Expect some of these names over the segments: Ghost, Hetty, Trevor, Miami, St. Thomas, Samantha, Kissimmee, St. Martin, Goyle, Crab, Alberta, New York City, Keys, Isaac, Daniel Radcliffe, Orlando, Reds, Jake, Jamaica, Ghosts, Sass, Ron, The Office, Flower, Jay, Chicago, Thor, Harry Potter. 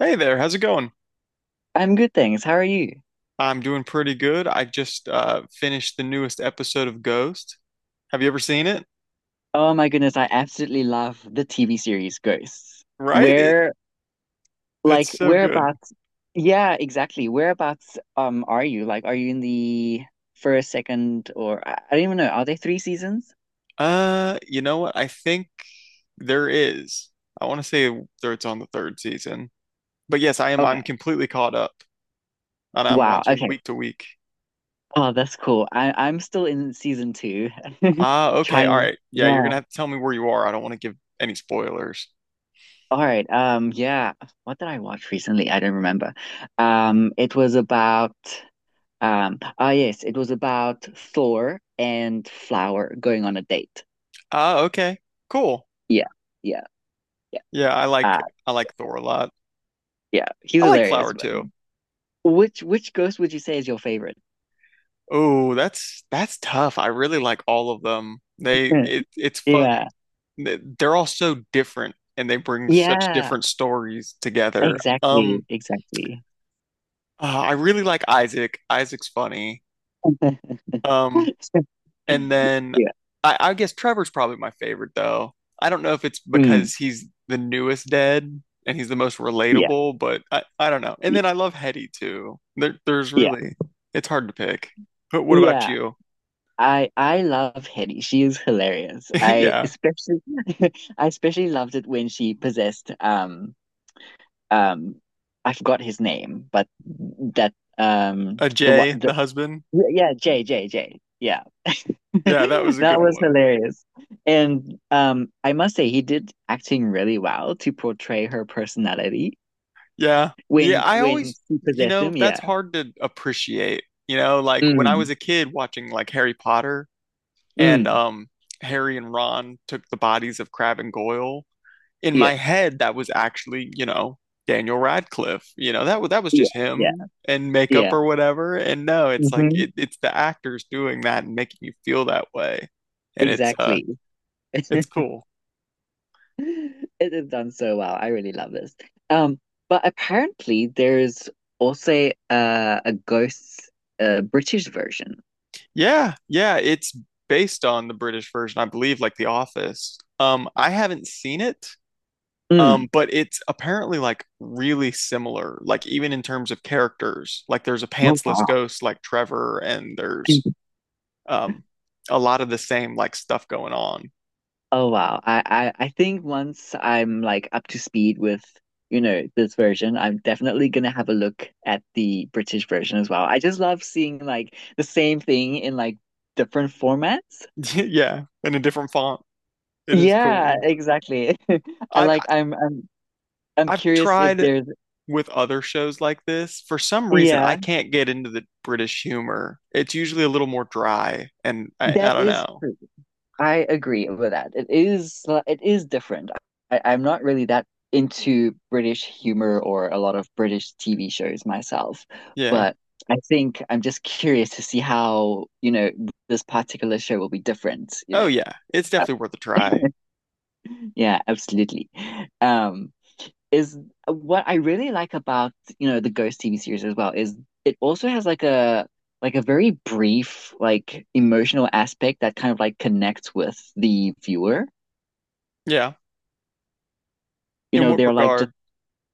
Hey there, how's it going? I'm good, thanks. How are you? I'm doing pretty good. I just finished the newest episode of Ghost. Have you ever seen it? Oh my goodness, I absolutely love the TV series Ghosts. Right? It Where, it's like, so good. whereabouts? Yeah, exactly. Whereabouts are you? Like, are you in the first, second, or I don't even know. Are there three seasons? You know what? I think there is. I want to say there it's on the third season. But yes, I'm Okay. completely caught up and I'm Wow. watching Okay. week to week. Oh, that's cool. I'm still in season two, Ah, okay. All trying. right. Yeah, you're Yeah. gonna have to tell me where you are. I don't want to give any spoilers. All right. Yeah. What did I watch recently? I don't remember. It was about. Ah, Yes, it was about Thor and Flower going on a date. Ah, okay. Cool. Yeah, yeah, yeah. Yeah, Uh, I like Thor a lot. yeah, he's I like hilarious. Flower But too. which ghost would you say is your favorite? Oh, that's tough. I really like all of them. They it's fun. Yeah, They're all so different and they bring such yeah, different stories together. exactly, exactly. I really like Isaac. Isaac's funny. Um and then Yeah, I guess Trevor's probably my favorite though. I don't know if it's mm, because he's the newest dead and he's the most yeah, relatable, but I don't know. And y- then I love Hetty too. There's yeah, really it's hard to pick. But what about yeah. you? I love Hetty. She is hilarious. I Yeah. especially I especially loved it when she possessed um I forgot his name, but that the what Jay, the the husband. yeah, Jay, yeah. Yeah, that was a That good was one. hilarious, and I must say he did acting really well to portray her personality Yeah. Yeah, when I when always, she you possessed know, him, that's yeah. hard to appreciate. You know, like when I was Mm, a kid watching like Harry Potter and mm, Harry and Ron took the bodies of Crab and Goyle, in yeah, my head that was actually, you know, Daniel Radcliffe. You know, that was yeah, just yeah, him and makeup yeah, or whatever. And no, it's like hmm, it's the actors doing that and making you feel that way. And exactly. it's cool. It is done so well. I really love this. Um, but apparently there's also a ghost British version. Yeah, yeah, it's based on the British version, I believe, like The Office. I haven't seen it, Mm. but it's apparently like really similar, like even in terms of characters. Like there's a Oh, pantsless wow. ghost like Trevor, and there's um a lot of the same like stuff going on. Oh wow. I think once I'm like up to speed with, you know, this version, I'm definitely gonna have a look at the British version as well. I just love seeing like the same thing in like different formats. Yeah, in a different font. It is Yeah, cool. exactly. I I've like I'm I've curious if tried there's with other shows like this. For some reason, I yeah. can't get into the British humor. It's usually a little more dry, and I That don't is know. true. I agree with that. It is it is different. I'm not really that into British humor or a lot of British TV shows myself, Yeah. but I think I'm just curious to see how, you know, this particular show will be different, you Oh know. yeah. It's Uh, definitely worth a try. Yeah, absolutely. Um, is What I really like about, you know, the Ghost TV series as well is it also has like a very brief like emotional aspect that kind of like connects with the viewer. Yeah. You In know, what they're regard?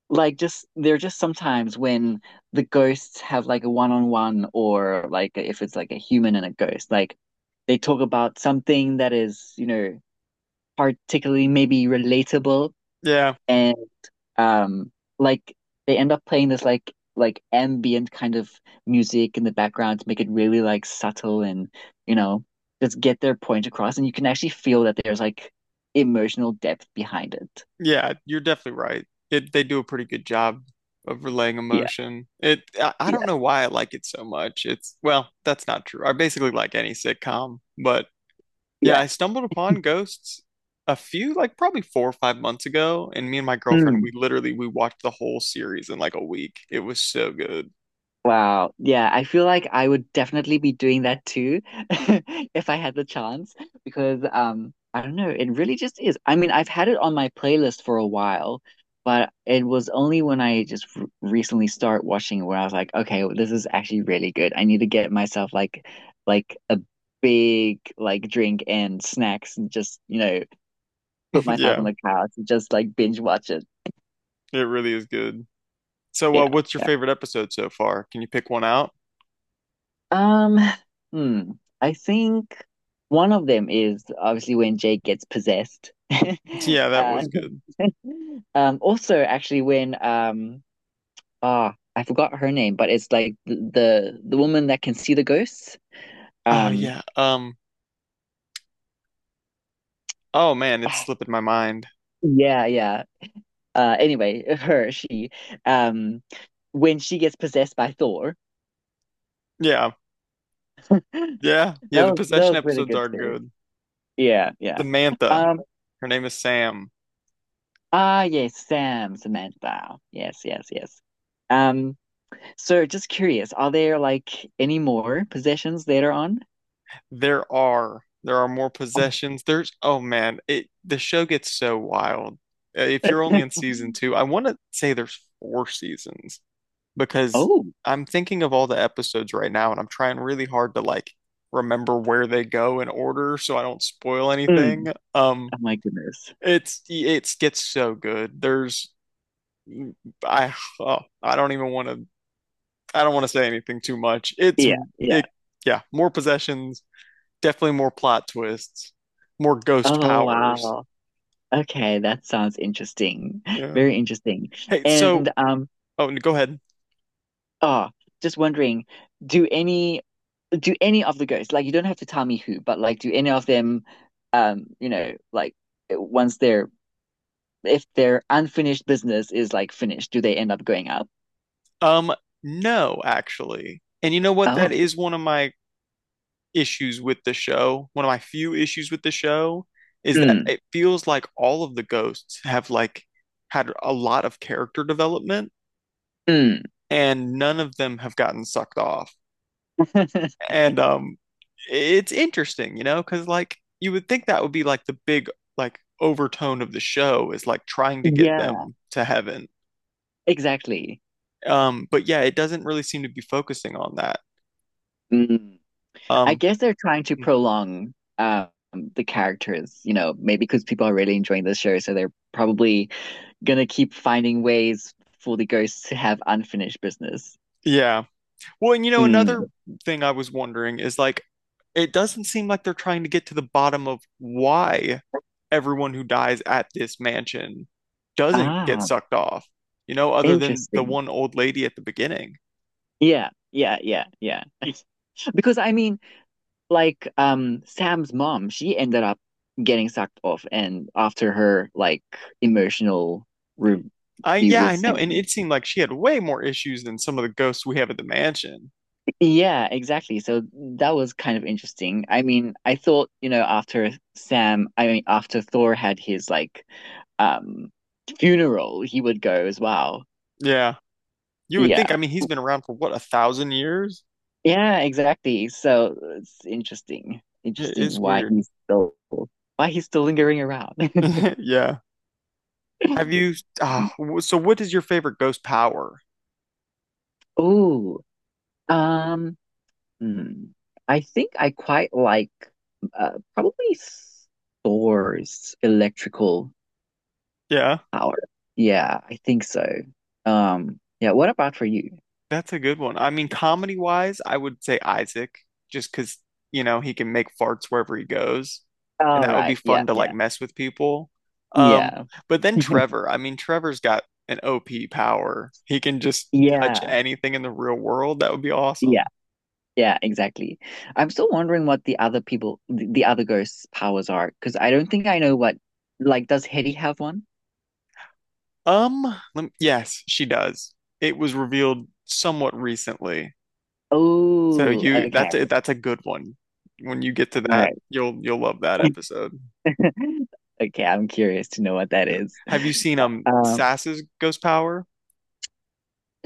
like just they're just sometimes when the ghosts have like a one-on-one or like if it's like a human and a ghost, like they talk about something that is, you know, particularly maybe relatable Yeah. and. Um, like they end up playing this like ambient kind of music in the background to make it really like subtle and you know just get their point across, and you can actually feel that there's like emotional depth behind it. Yeah, you're definitely right. It They do a pretty good job of relaying Yeah, emotion. It I yeah, don't know why I like it so much. It's well, that's not true. I basically like any sitcom, but yeah, yeah. I stumbled upon Ghosts a few like probably 4 or 5 months ago and me and my girlfriend we Hmm. literally we watched the whole series in like a week. It was so good. Wow. Yeah, I feel like I would definitely be doing that too if I had the chance because I don't know, it really just is. I mean, I've had it on my playlist for a while, but it was only when I just r recently start watching where I was like, okay, well, this is actually really good. I need to get myself like a big like drink and snacks and just, you know, put myself on Yeah, the couch and just like binge watch it. it really is good. So, what's your Yeah. favorite episode so far? Can you pick one out? Um, hmm. I think one of them is obviously when Jake gets possessed. Yeah, that Uh, was good. Also actually when I forgot her name, but it's like the woman that can see the ghosts. Oh Um, yeah. Oh man, it's ah, slipping my mind. Yeah, yeah. Anyway, she, um, when she gets possessed by Thor, Yeah. that Yeah. Yeah. The that possession was really episodes good are too. good. Yeah, yeah. Samantha. Um, Her name is Sam. Ah, yes, Sam, Samantha. Yes, yes, yes. Um, so just curious, are there like any more possessions later on? There are more possessions. There's oh man, it the show gets so wild. If you're only in season Mhm. two, I want to say there's four seasons because Oh, I'm thinking of all the episodes right now, and I'm trying really hard to like remember where they go in order so I don't spoil anything. mm, Um. oh my goodness. It gets so good. There's I oh, I don't want to say anything too much. Yeah, yeah. It yeah, more possessions, definitely more plot twists, more ghost Oh, powers. wow. Okay, that sounds interesting. Yeah. Very interesting. Hey, so And oh, go ahead. oh, just wondering, do any do any of the ghosts, like you don't have to tell me who, but like do any of them you know, like once they're if their unfinished business is like finished, do they end up going up? Um no, actually. And you know what? Oh, That is one of my issues with the show. One of my few issues with the show is that mm, it feels like all of the ghosts have like had a lot of character development mm. and none of them have gotten sucked off. And it's interesting, you know, because like you would think that would be like the big like overtone of the show is like trying to get Yeah, them to heaven. exactly. But yeah, it doesn't really seem to be focusing on that. Mm, I Um, guess they're trying to prolong the characters, you know, maybe because people are really enjoying the show, so they're probably gonna keep finding ways for the ghosts to have unfinished business. yeah. Well, and you know, Mm. another thing I was wondering is like, it doesn't seem like they're trying to get to the bottom of why everyone who dies at this mansion doesn't get Ah, sucked off, you know, other than the interesting. one old lady at the beginning. Yeah, yeah, yeah, yeah. Because I mean, like Sam's mom, she ended up getting sucked off and after her like emotional review Yeah, with I know. And Sam. it seemed like she had way more issues than some of the ghosts we have at the mansion. Yeah, exactly. So that was kind of interesting. I mean, I thought, you know, after Sam, I mean, after Thor had his like um funeral, he would go as well. Yeah. You would think, Yeah. I mean, he's been around for what, 1,000 years? Yeah, exactly. So it's interesting. It Interesting is weird. Why he's still lingering around. Yeah. Have you, uh, so what is your favorite ghost power? Oh, Um, hmm, I think I quite like probably Thor's electrical Yeah. power. Yeah, I think so. Yeah, what about for you? That's a good one. I mean, comedy wise, I would say Isaac, just because, you know, he can make farts wherever he goes. And All that would be right. Yeah, fun to like yeah, mess with people. Um, yeah. but then Trevor, I mean, Trevor's got an OP power. He can just touch Yeah, anything in the real world. That would be awesome. yeah, yeah, exactly. I'm still wondering what the other people, the other ghosts' powers are, because I don't think I know what. Like, does Hetty have one? Yes, she does. It was revealed somewhat recently. So Oh, you, okay, that's a good one. When you get to all that, right. You'll love that episode. Okay, I'm curious to know what that Yeah. is. Have you seen Um, Sass's ghost power?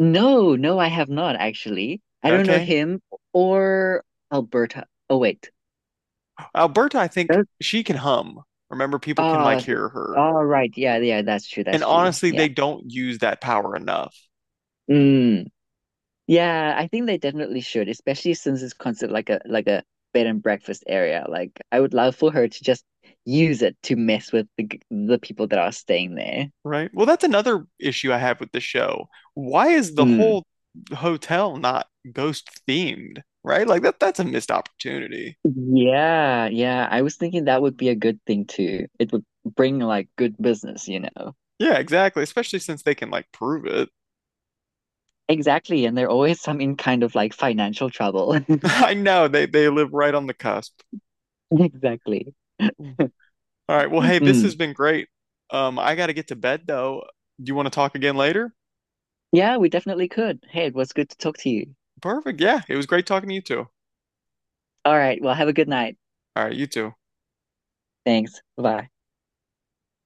No, no, I have not actually. I don't know Okay. him or Alberta. Oh wait. Alberta, I think That, she can hum. Remember, people can ah, like s- hear her. all right. Yeah, yeah, that's true. And That's true. honestly, Yeah. they don't use that power enough, Mm. Yeah, I think they definitely should, especially since it's considered like a bed and breakfast area. Like I would love for her to just use it to mess with the the people that are staying there. right? Well, that's another issue I have with the show. Why is the Mm. whole hotel not ghost themed, right? Like that's a missed opportunity. Yeah, yeah. I was thinking that would be a good thing too. It would bring like good business, you know. Yeah, exactly. Especially since they can like prove it. Exactly. And they're always some in kind of like financial trouble. I know they live right on the cusp. Exactly. Mm. All right. Well, hey, this has Mm. been great. I gotta get to bed though. Do you want to talk again later? Yeah, we definitely could. Hey, it was good to talk to you. Perfect. Yeah, it was great talking to you too. All right. Well, have a good night. All right, you too. Thanks. Bye.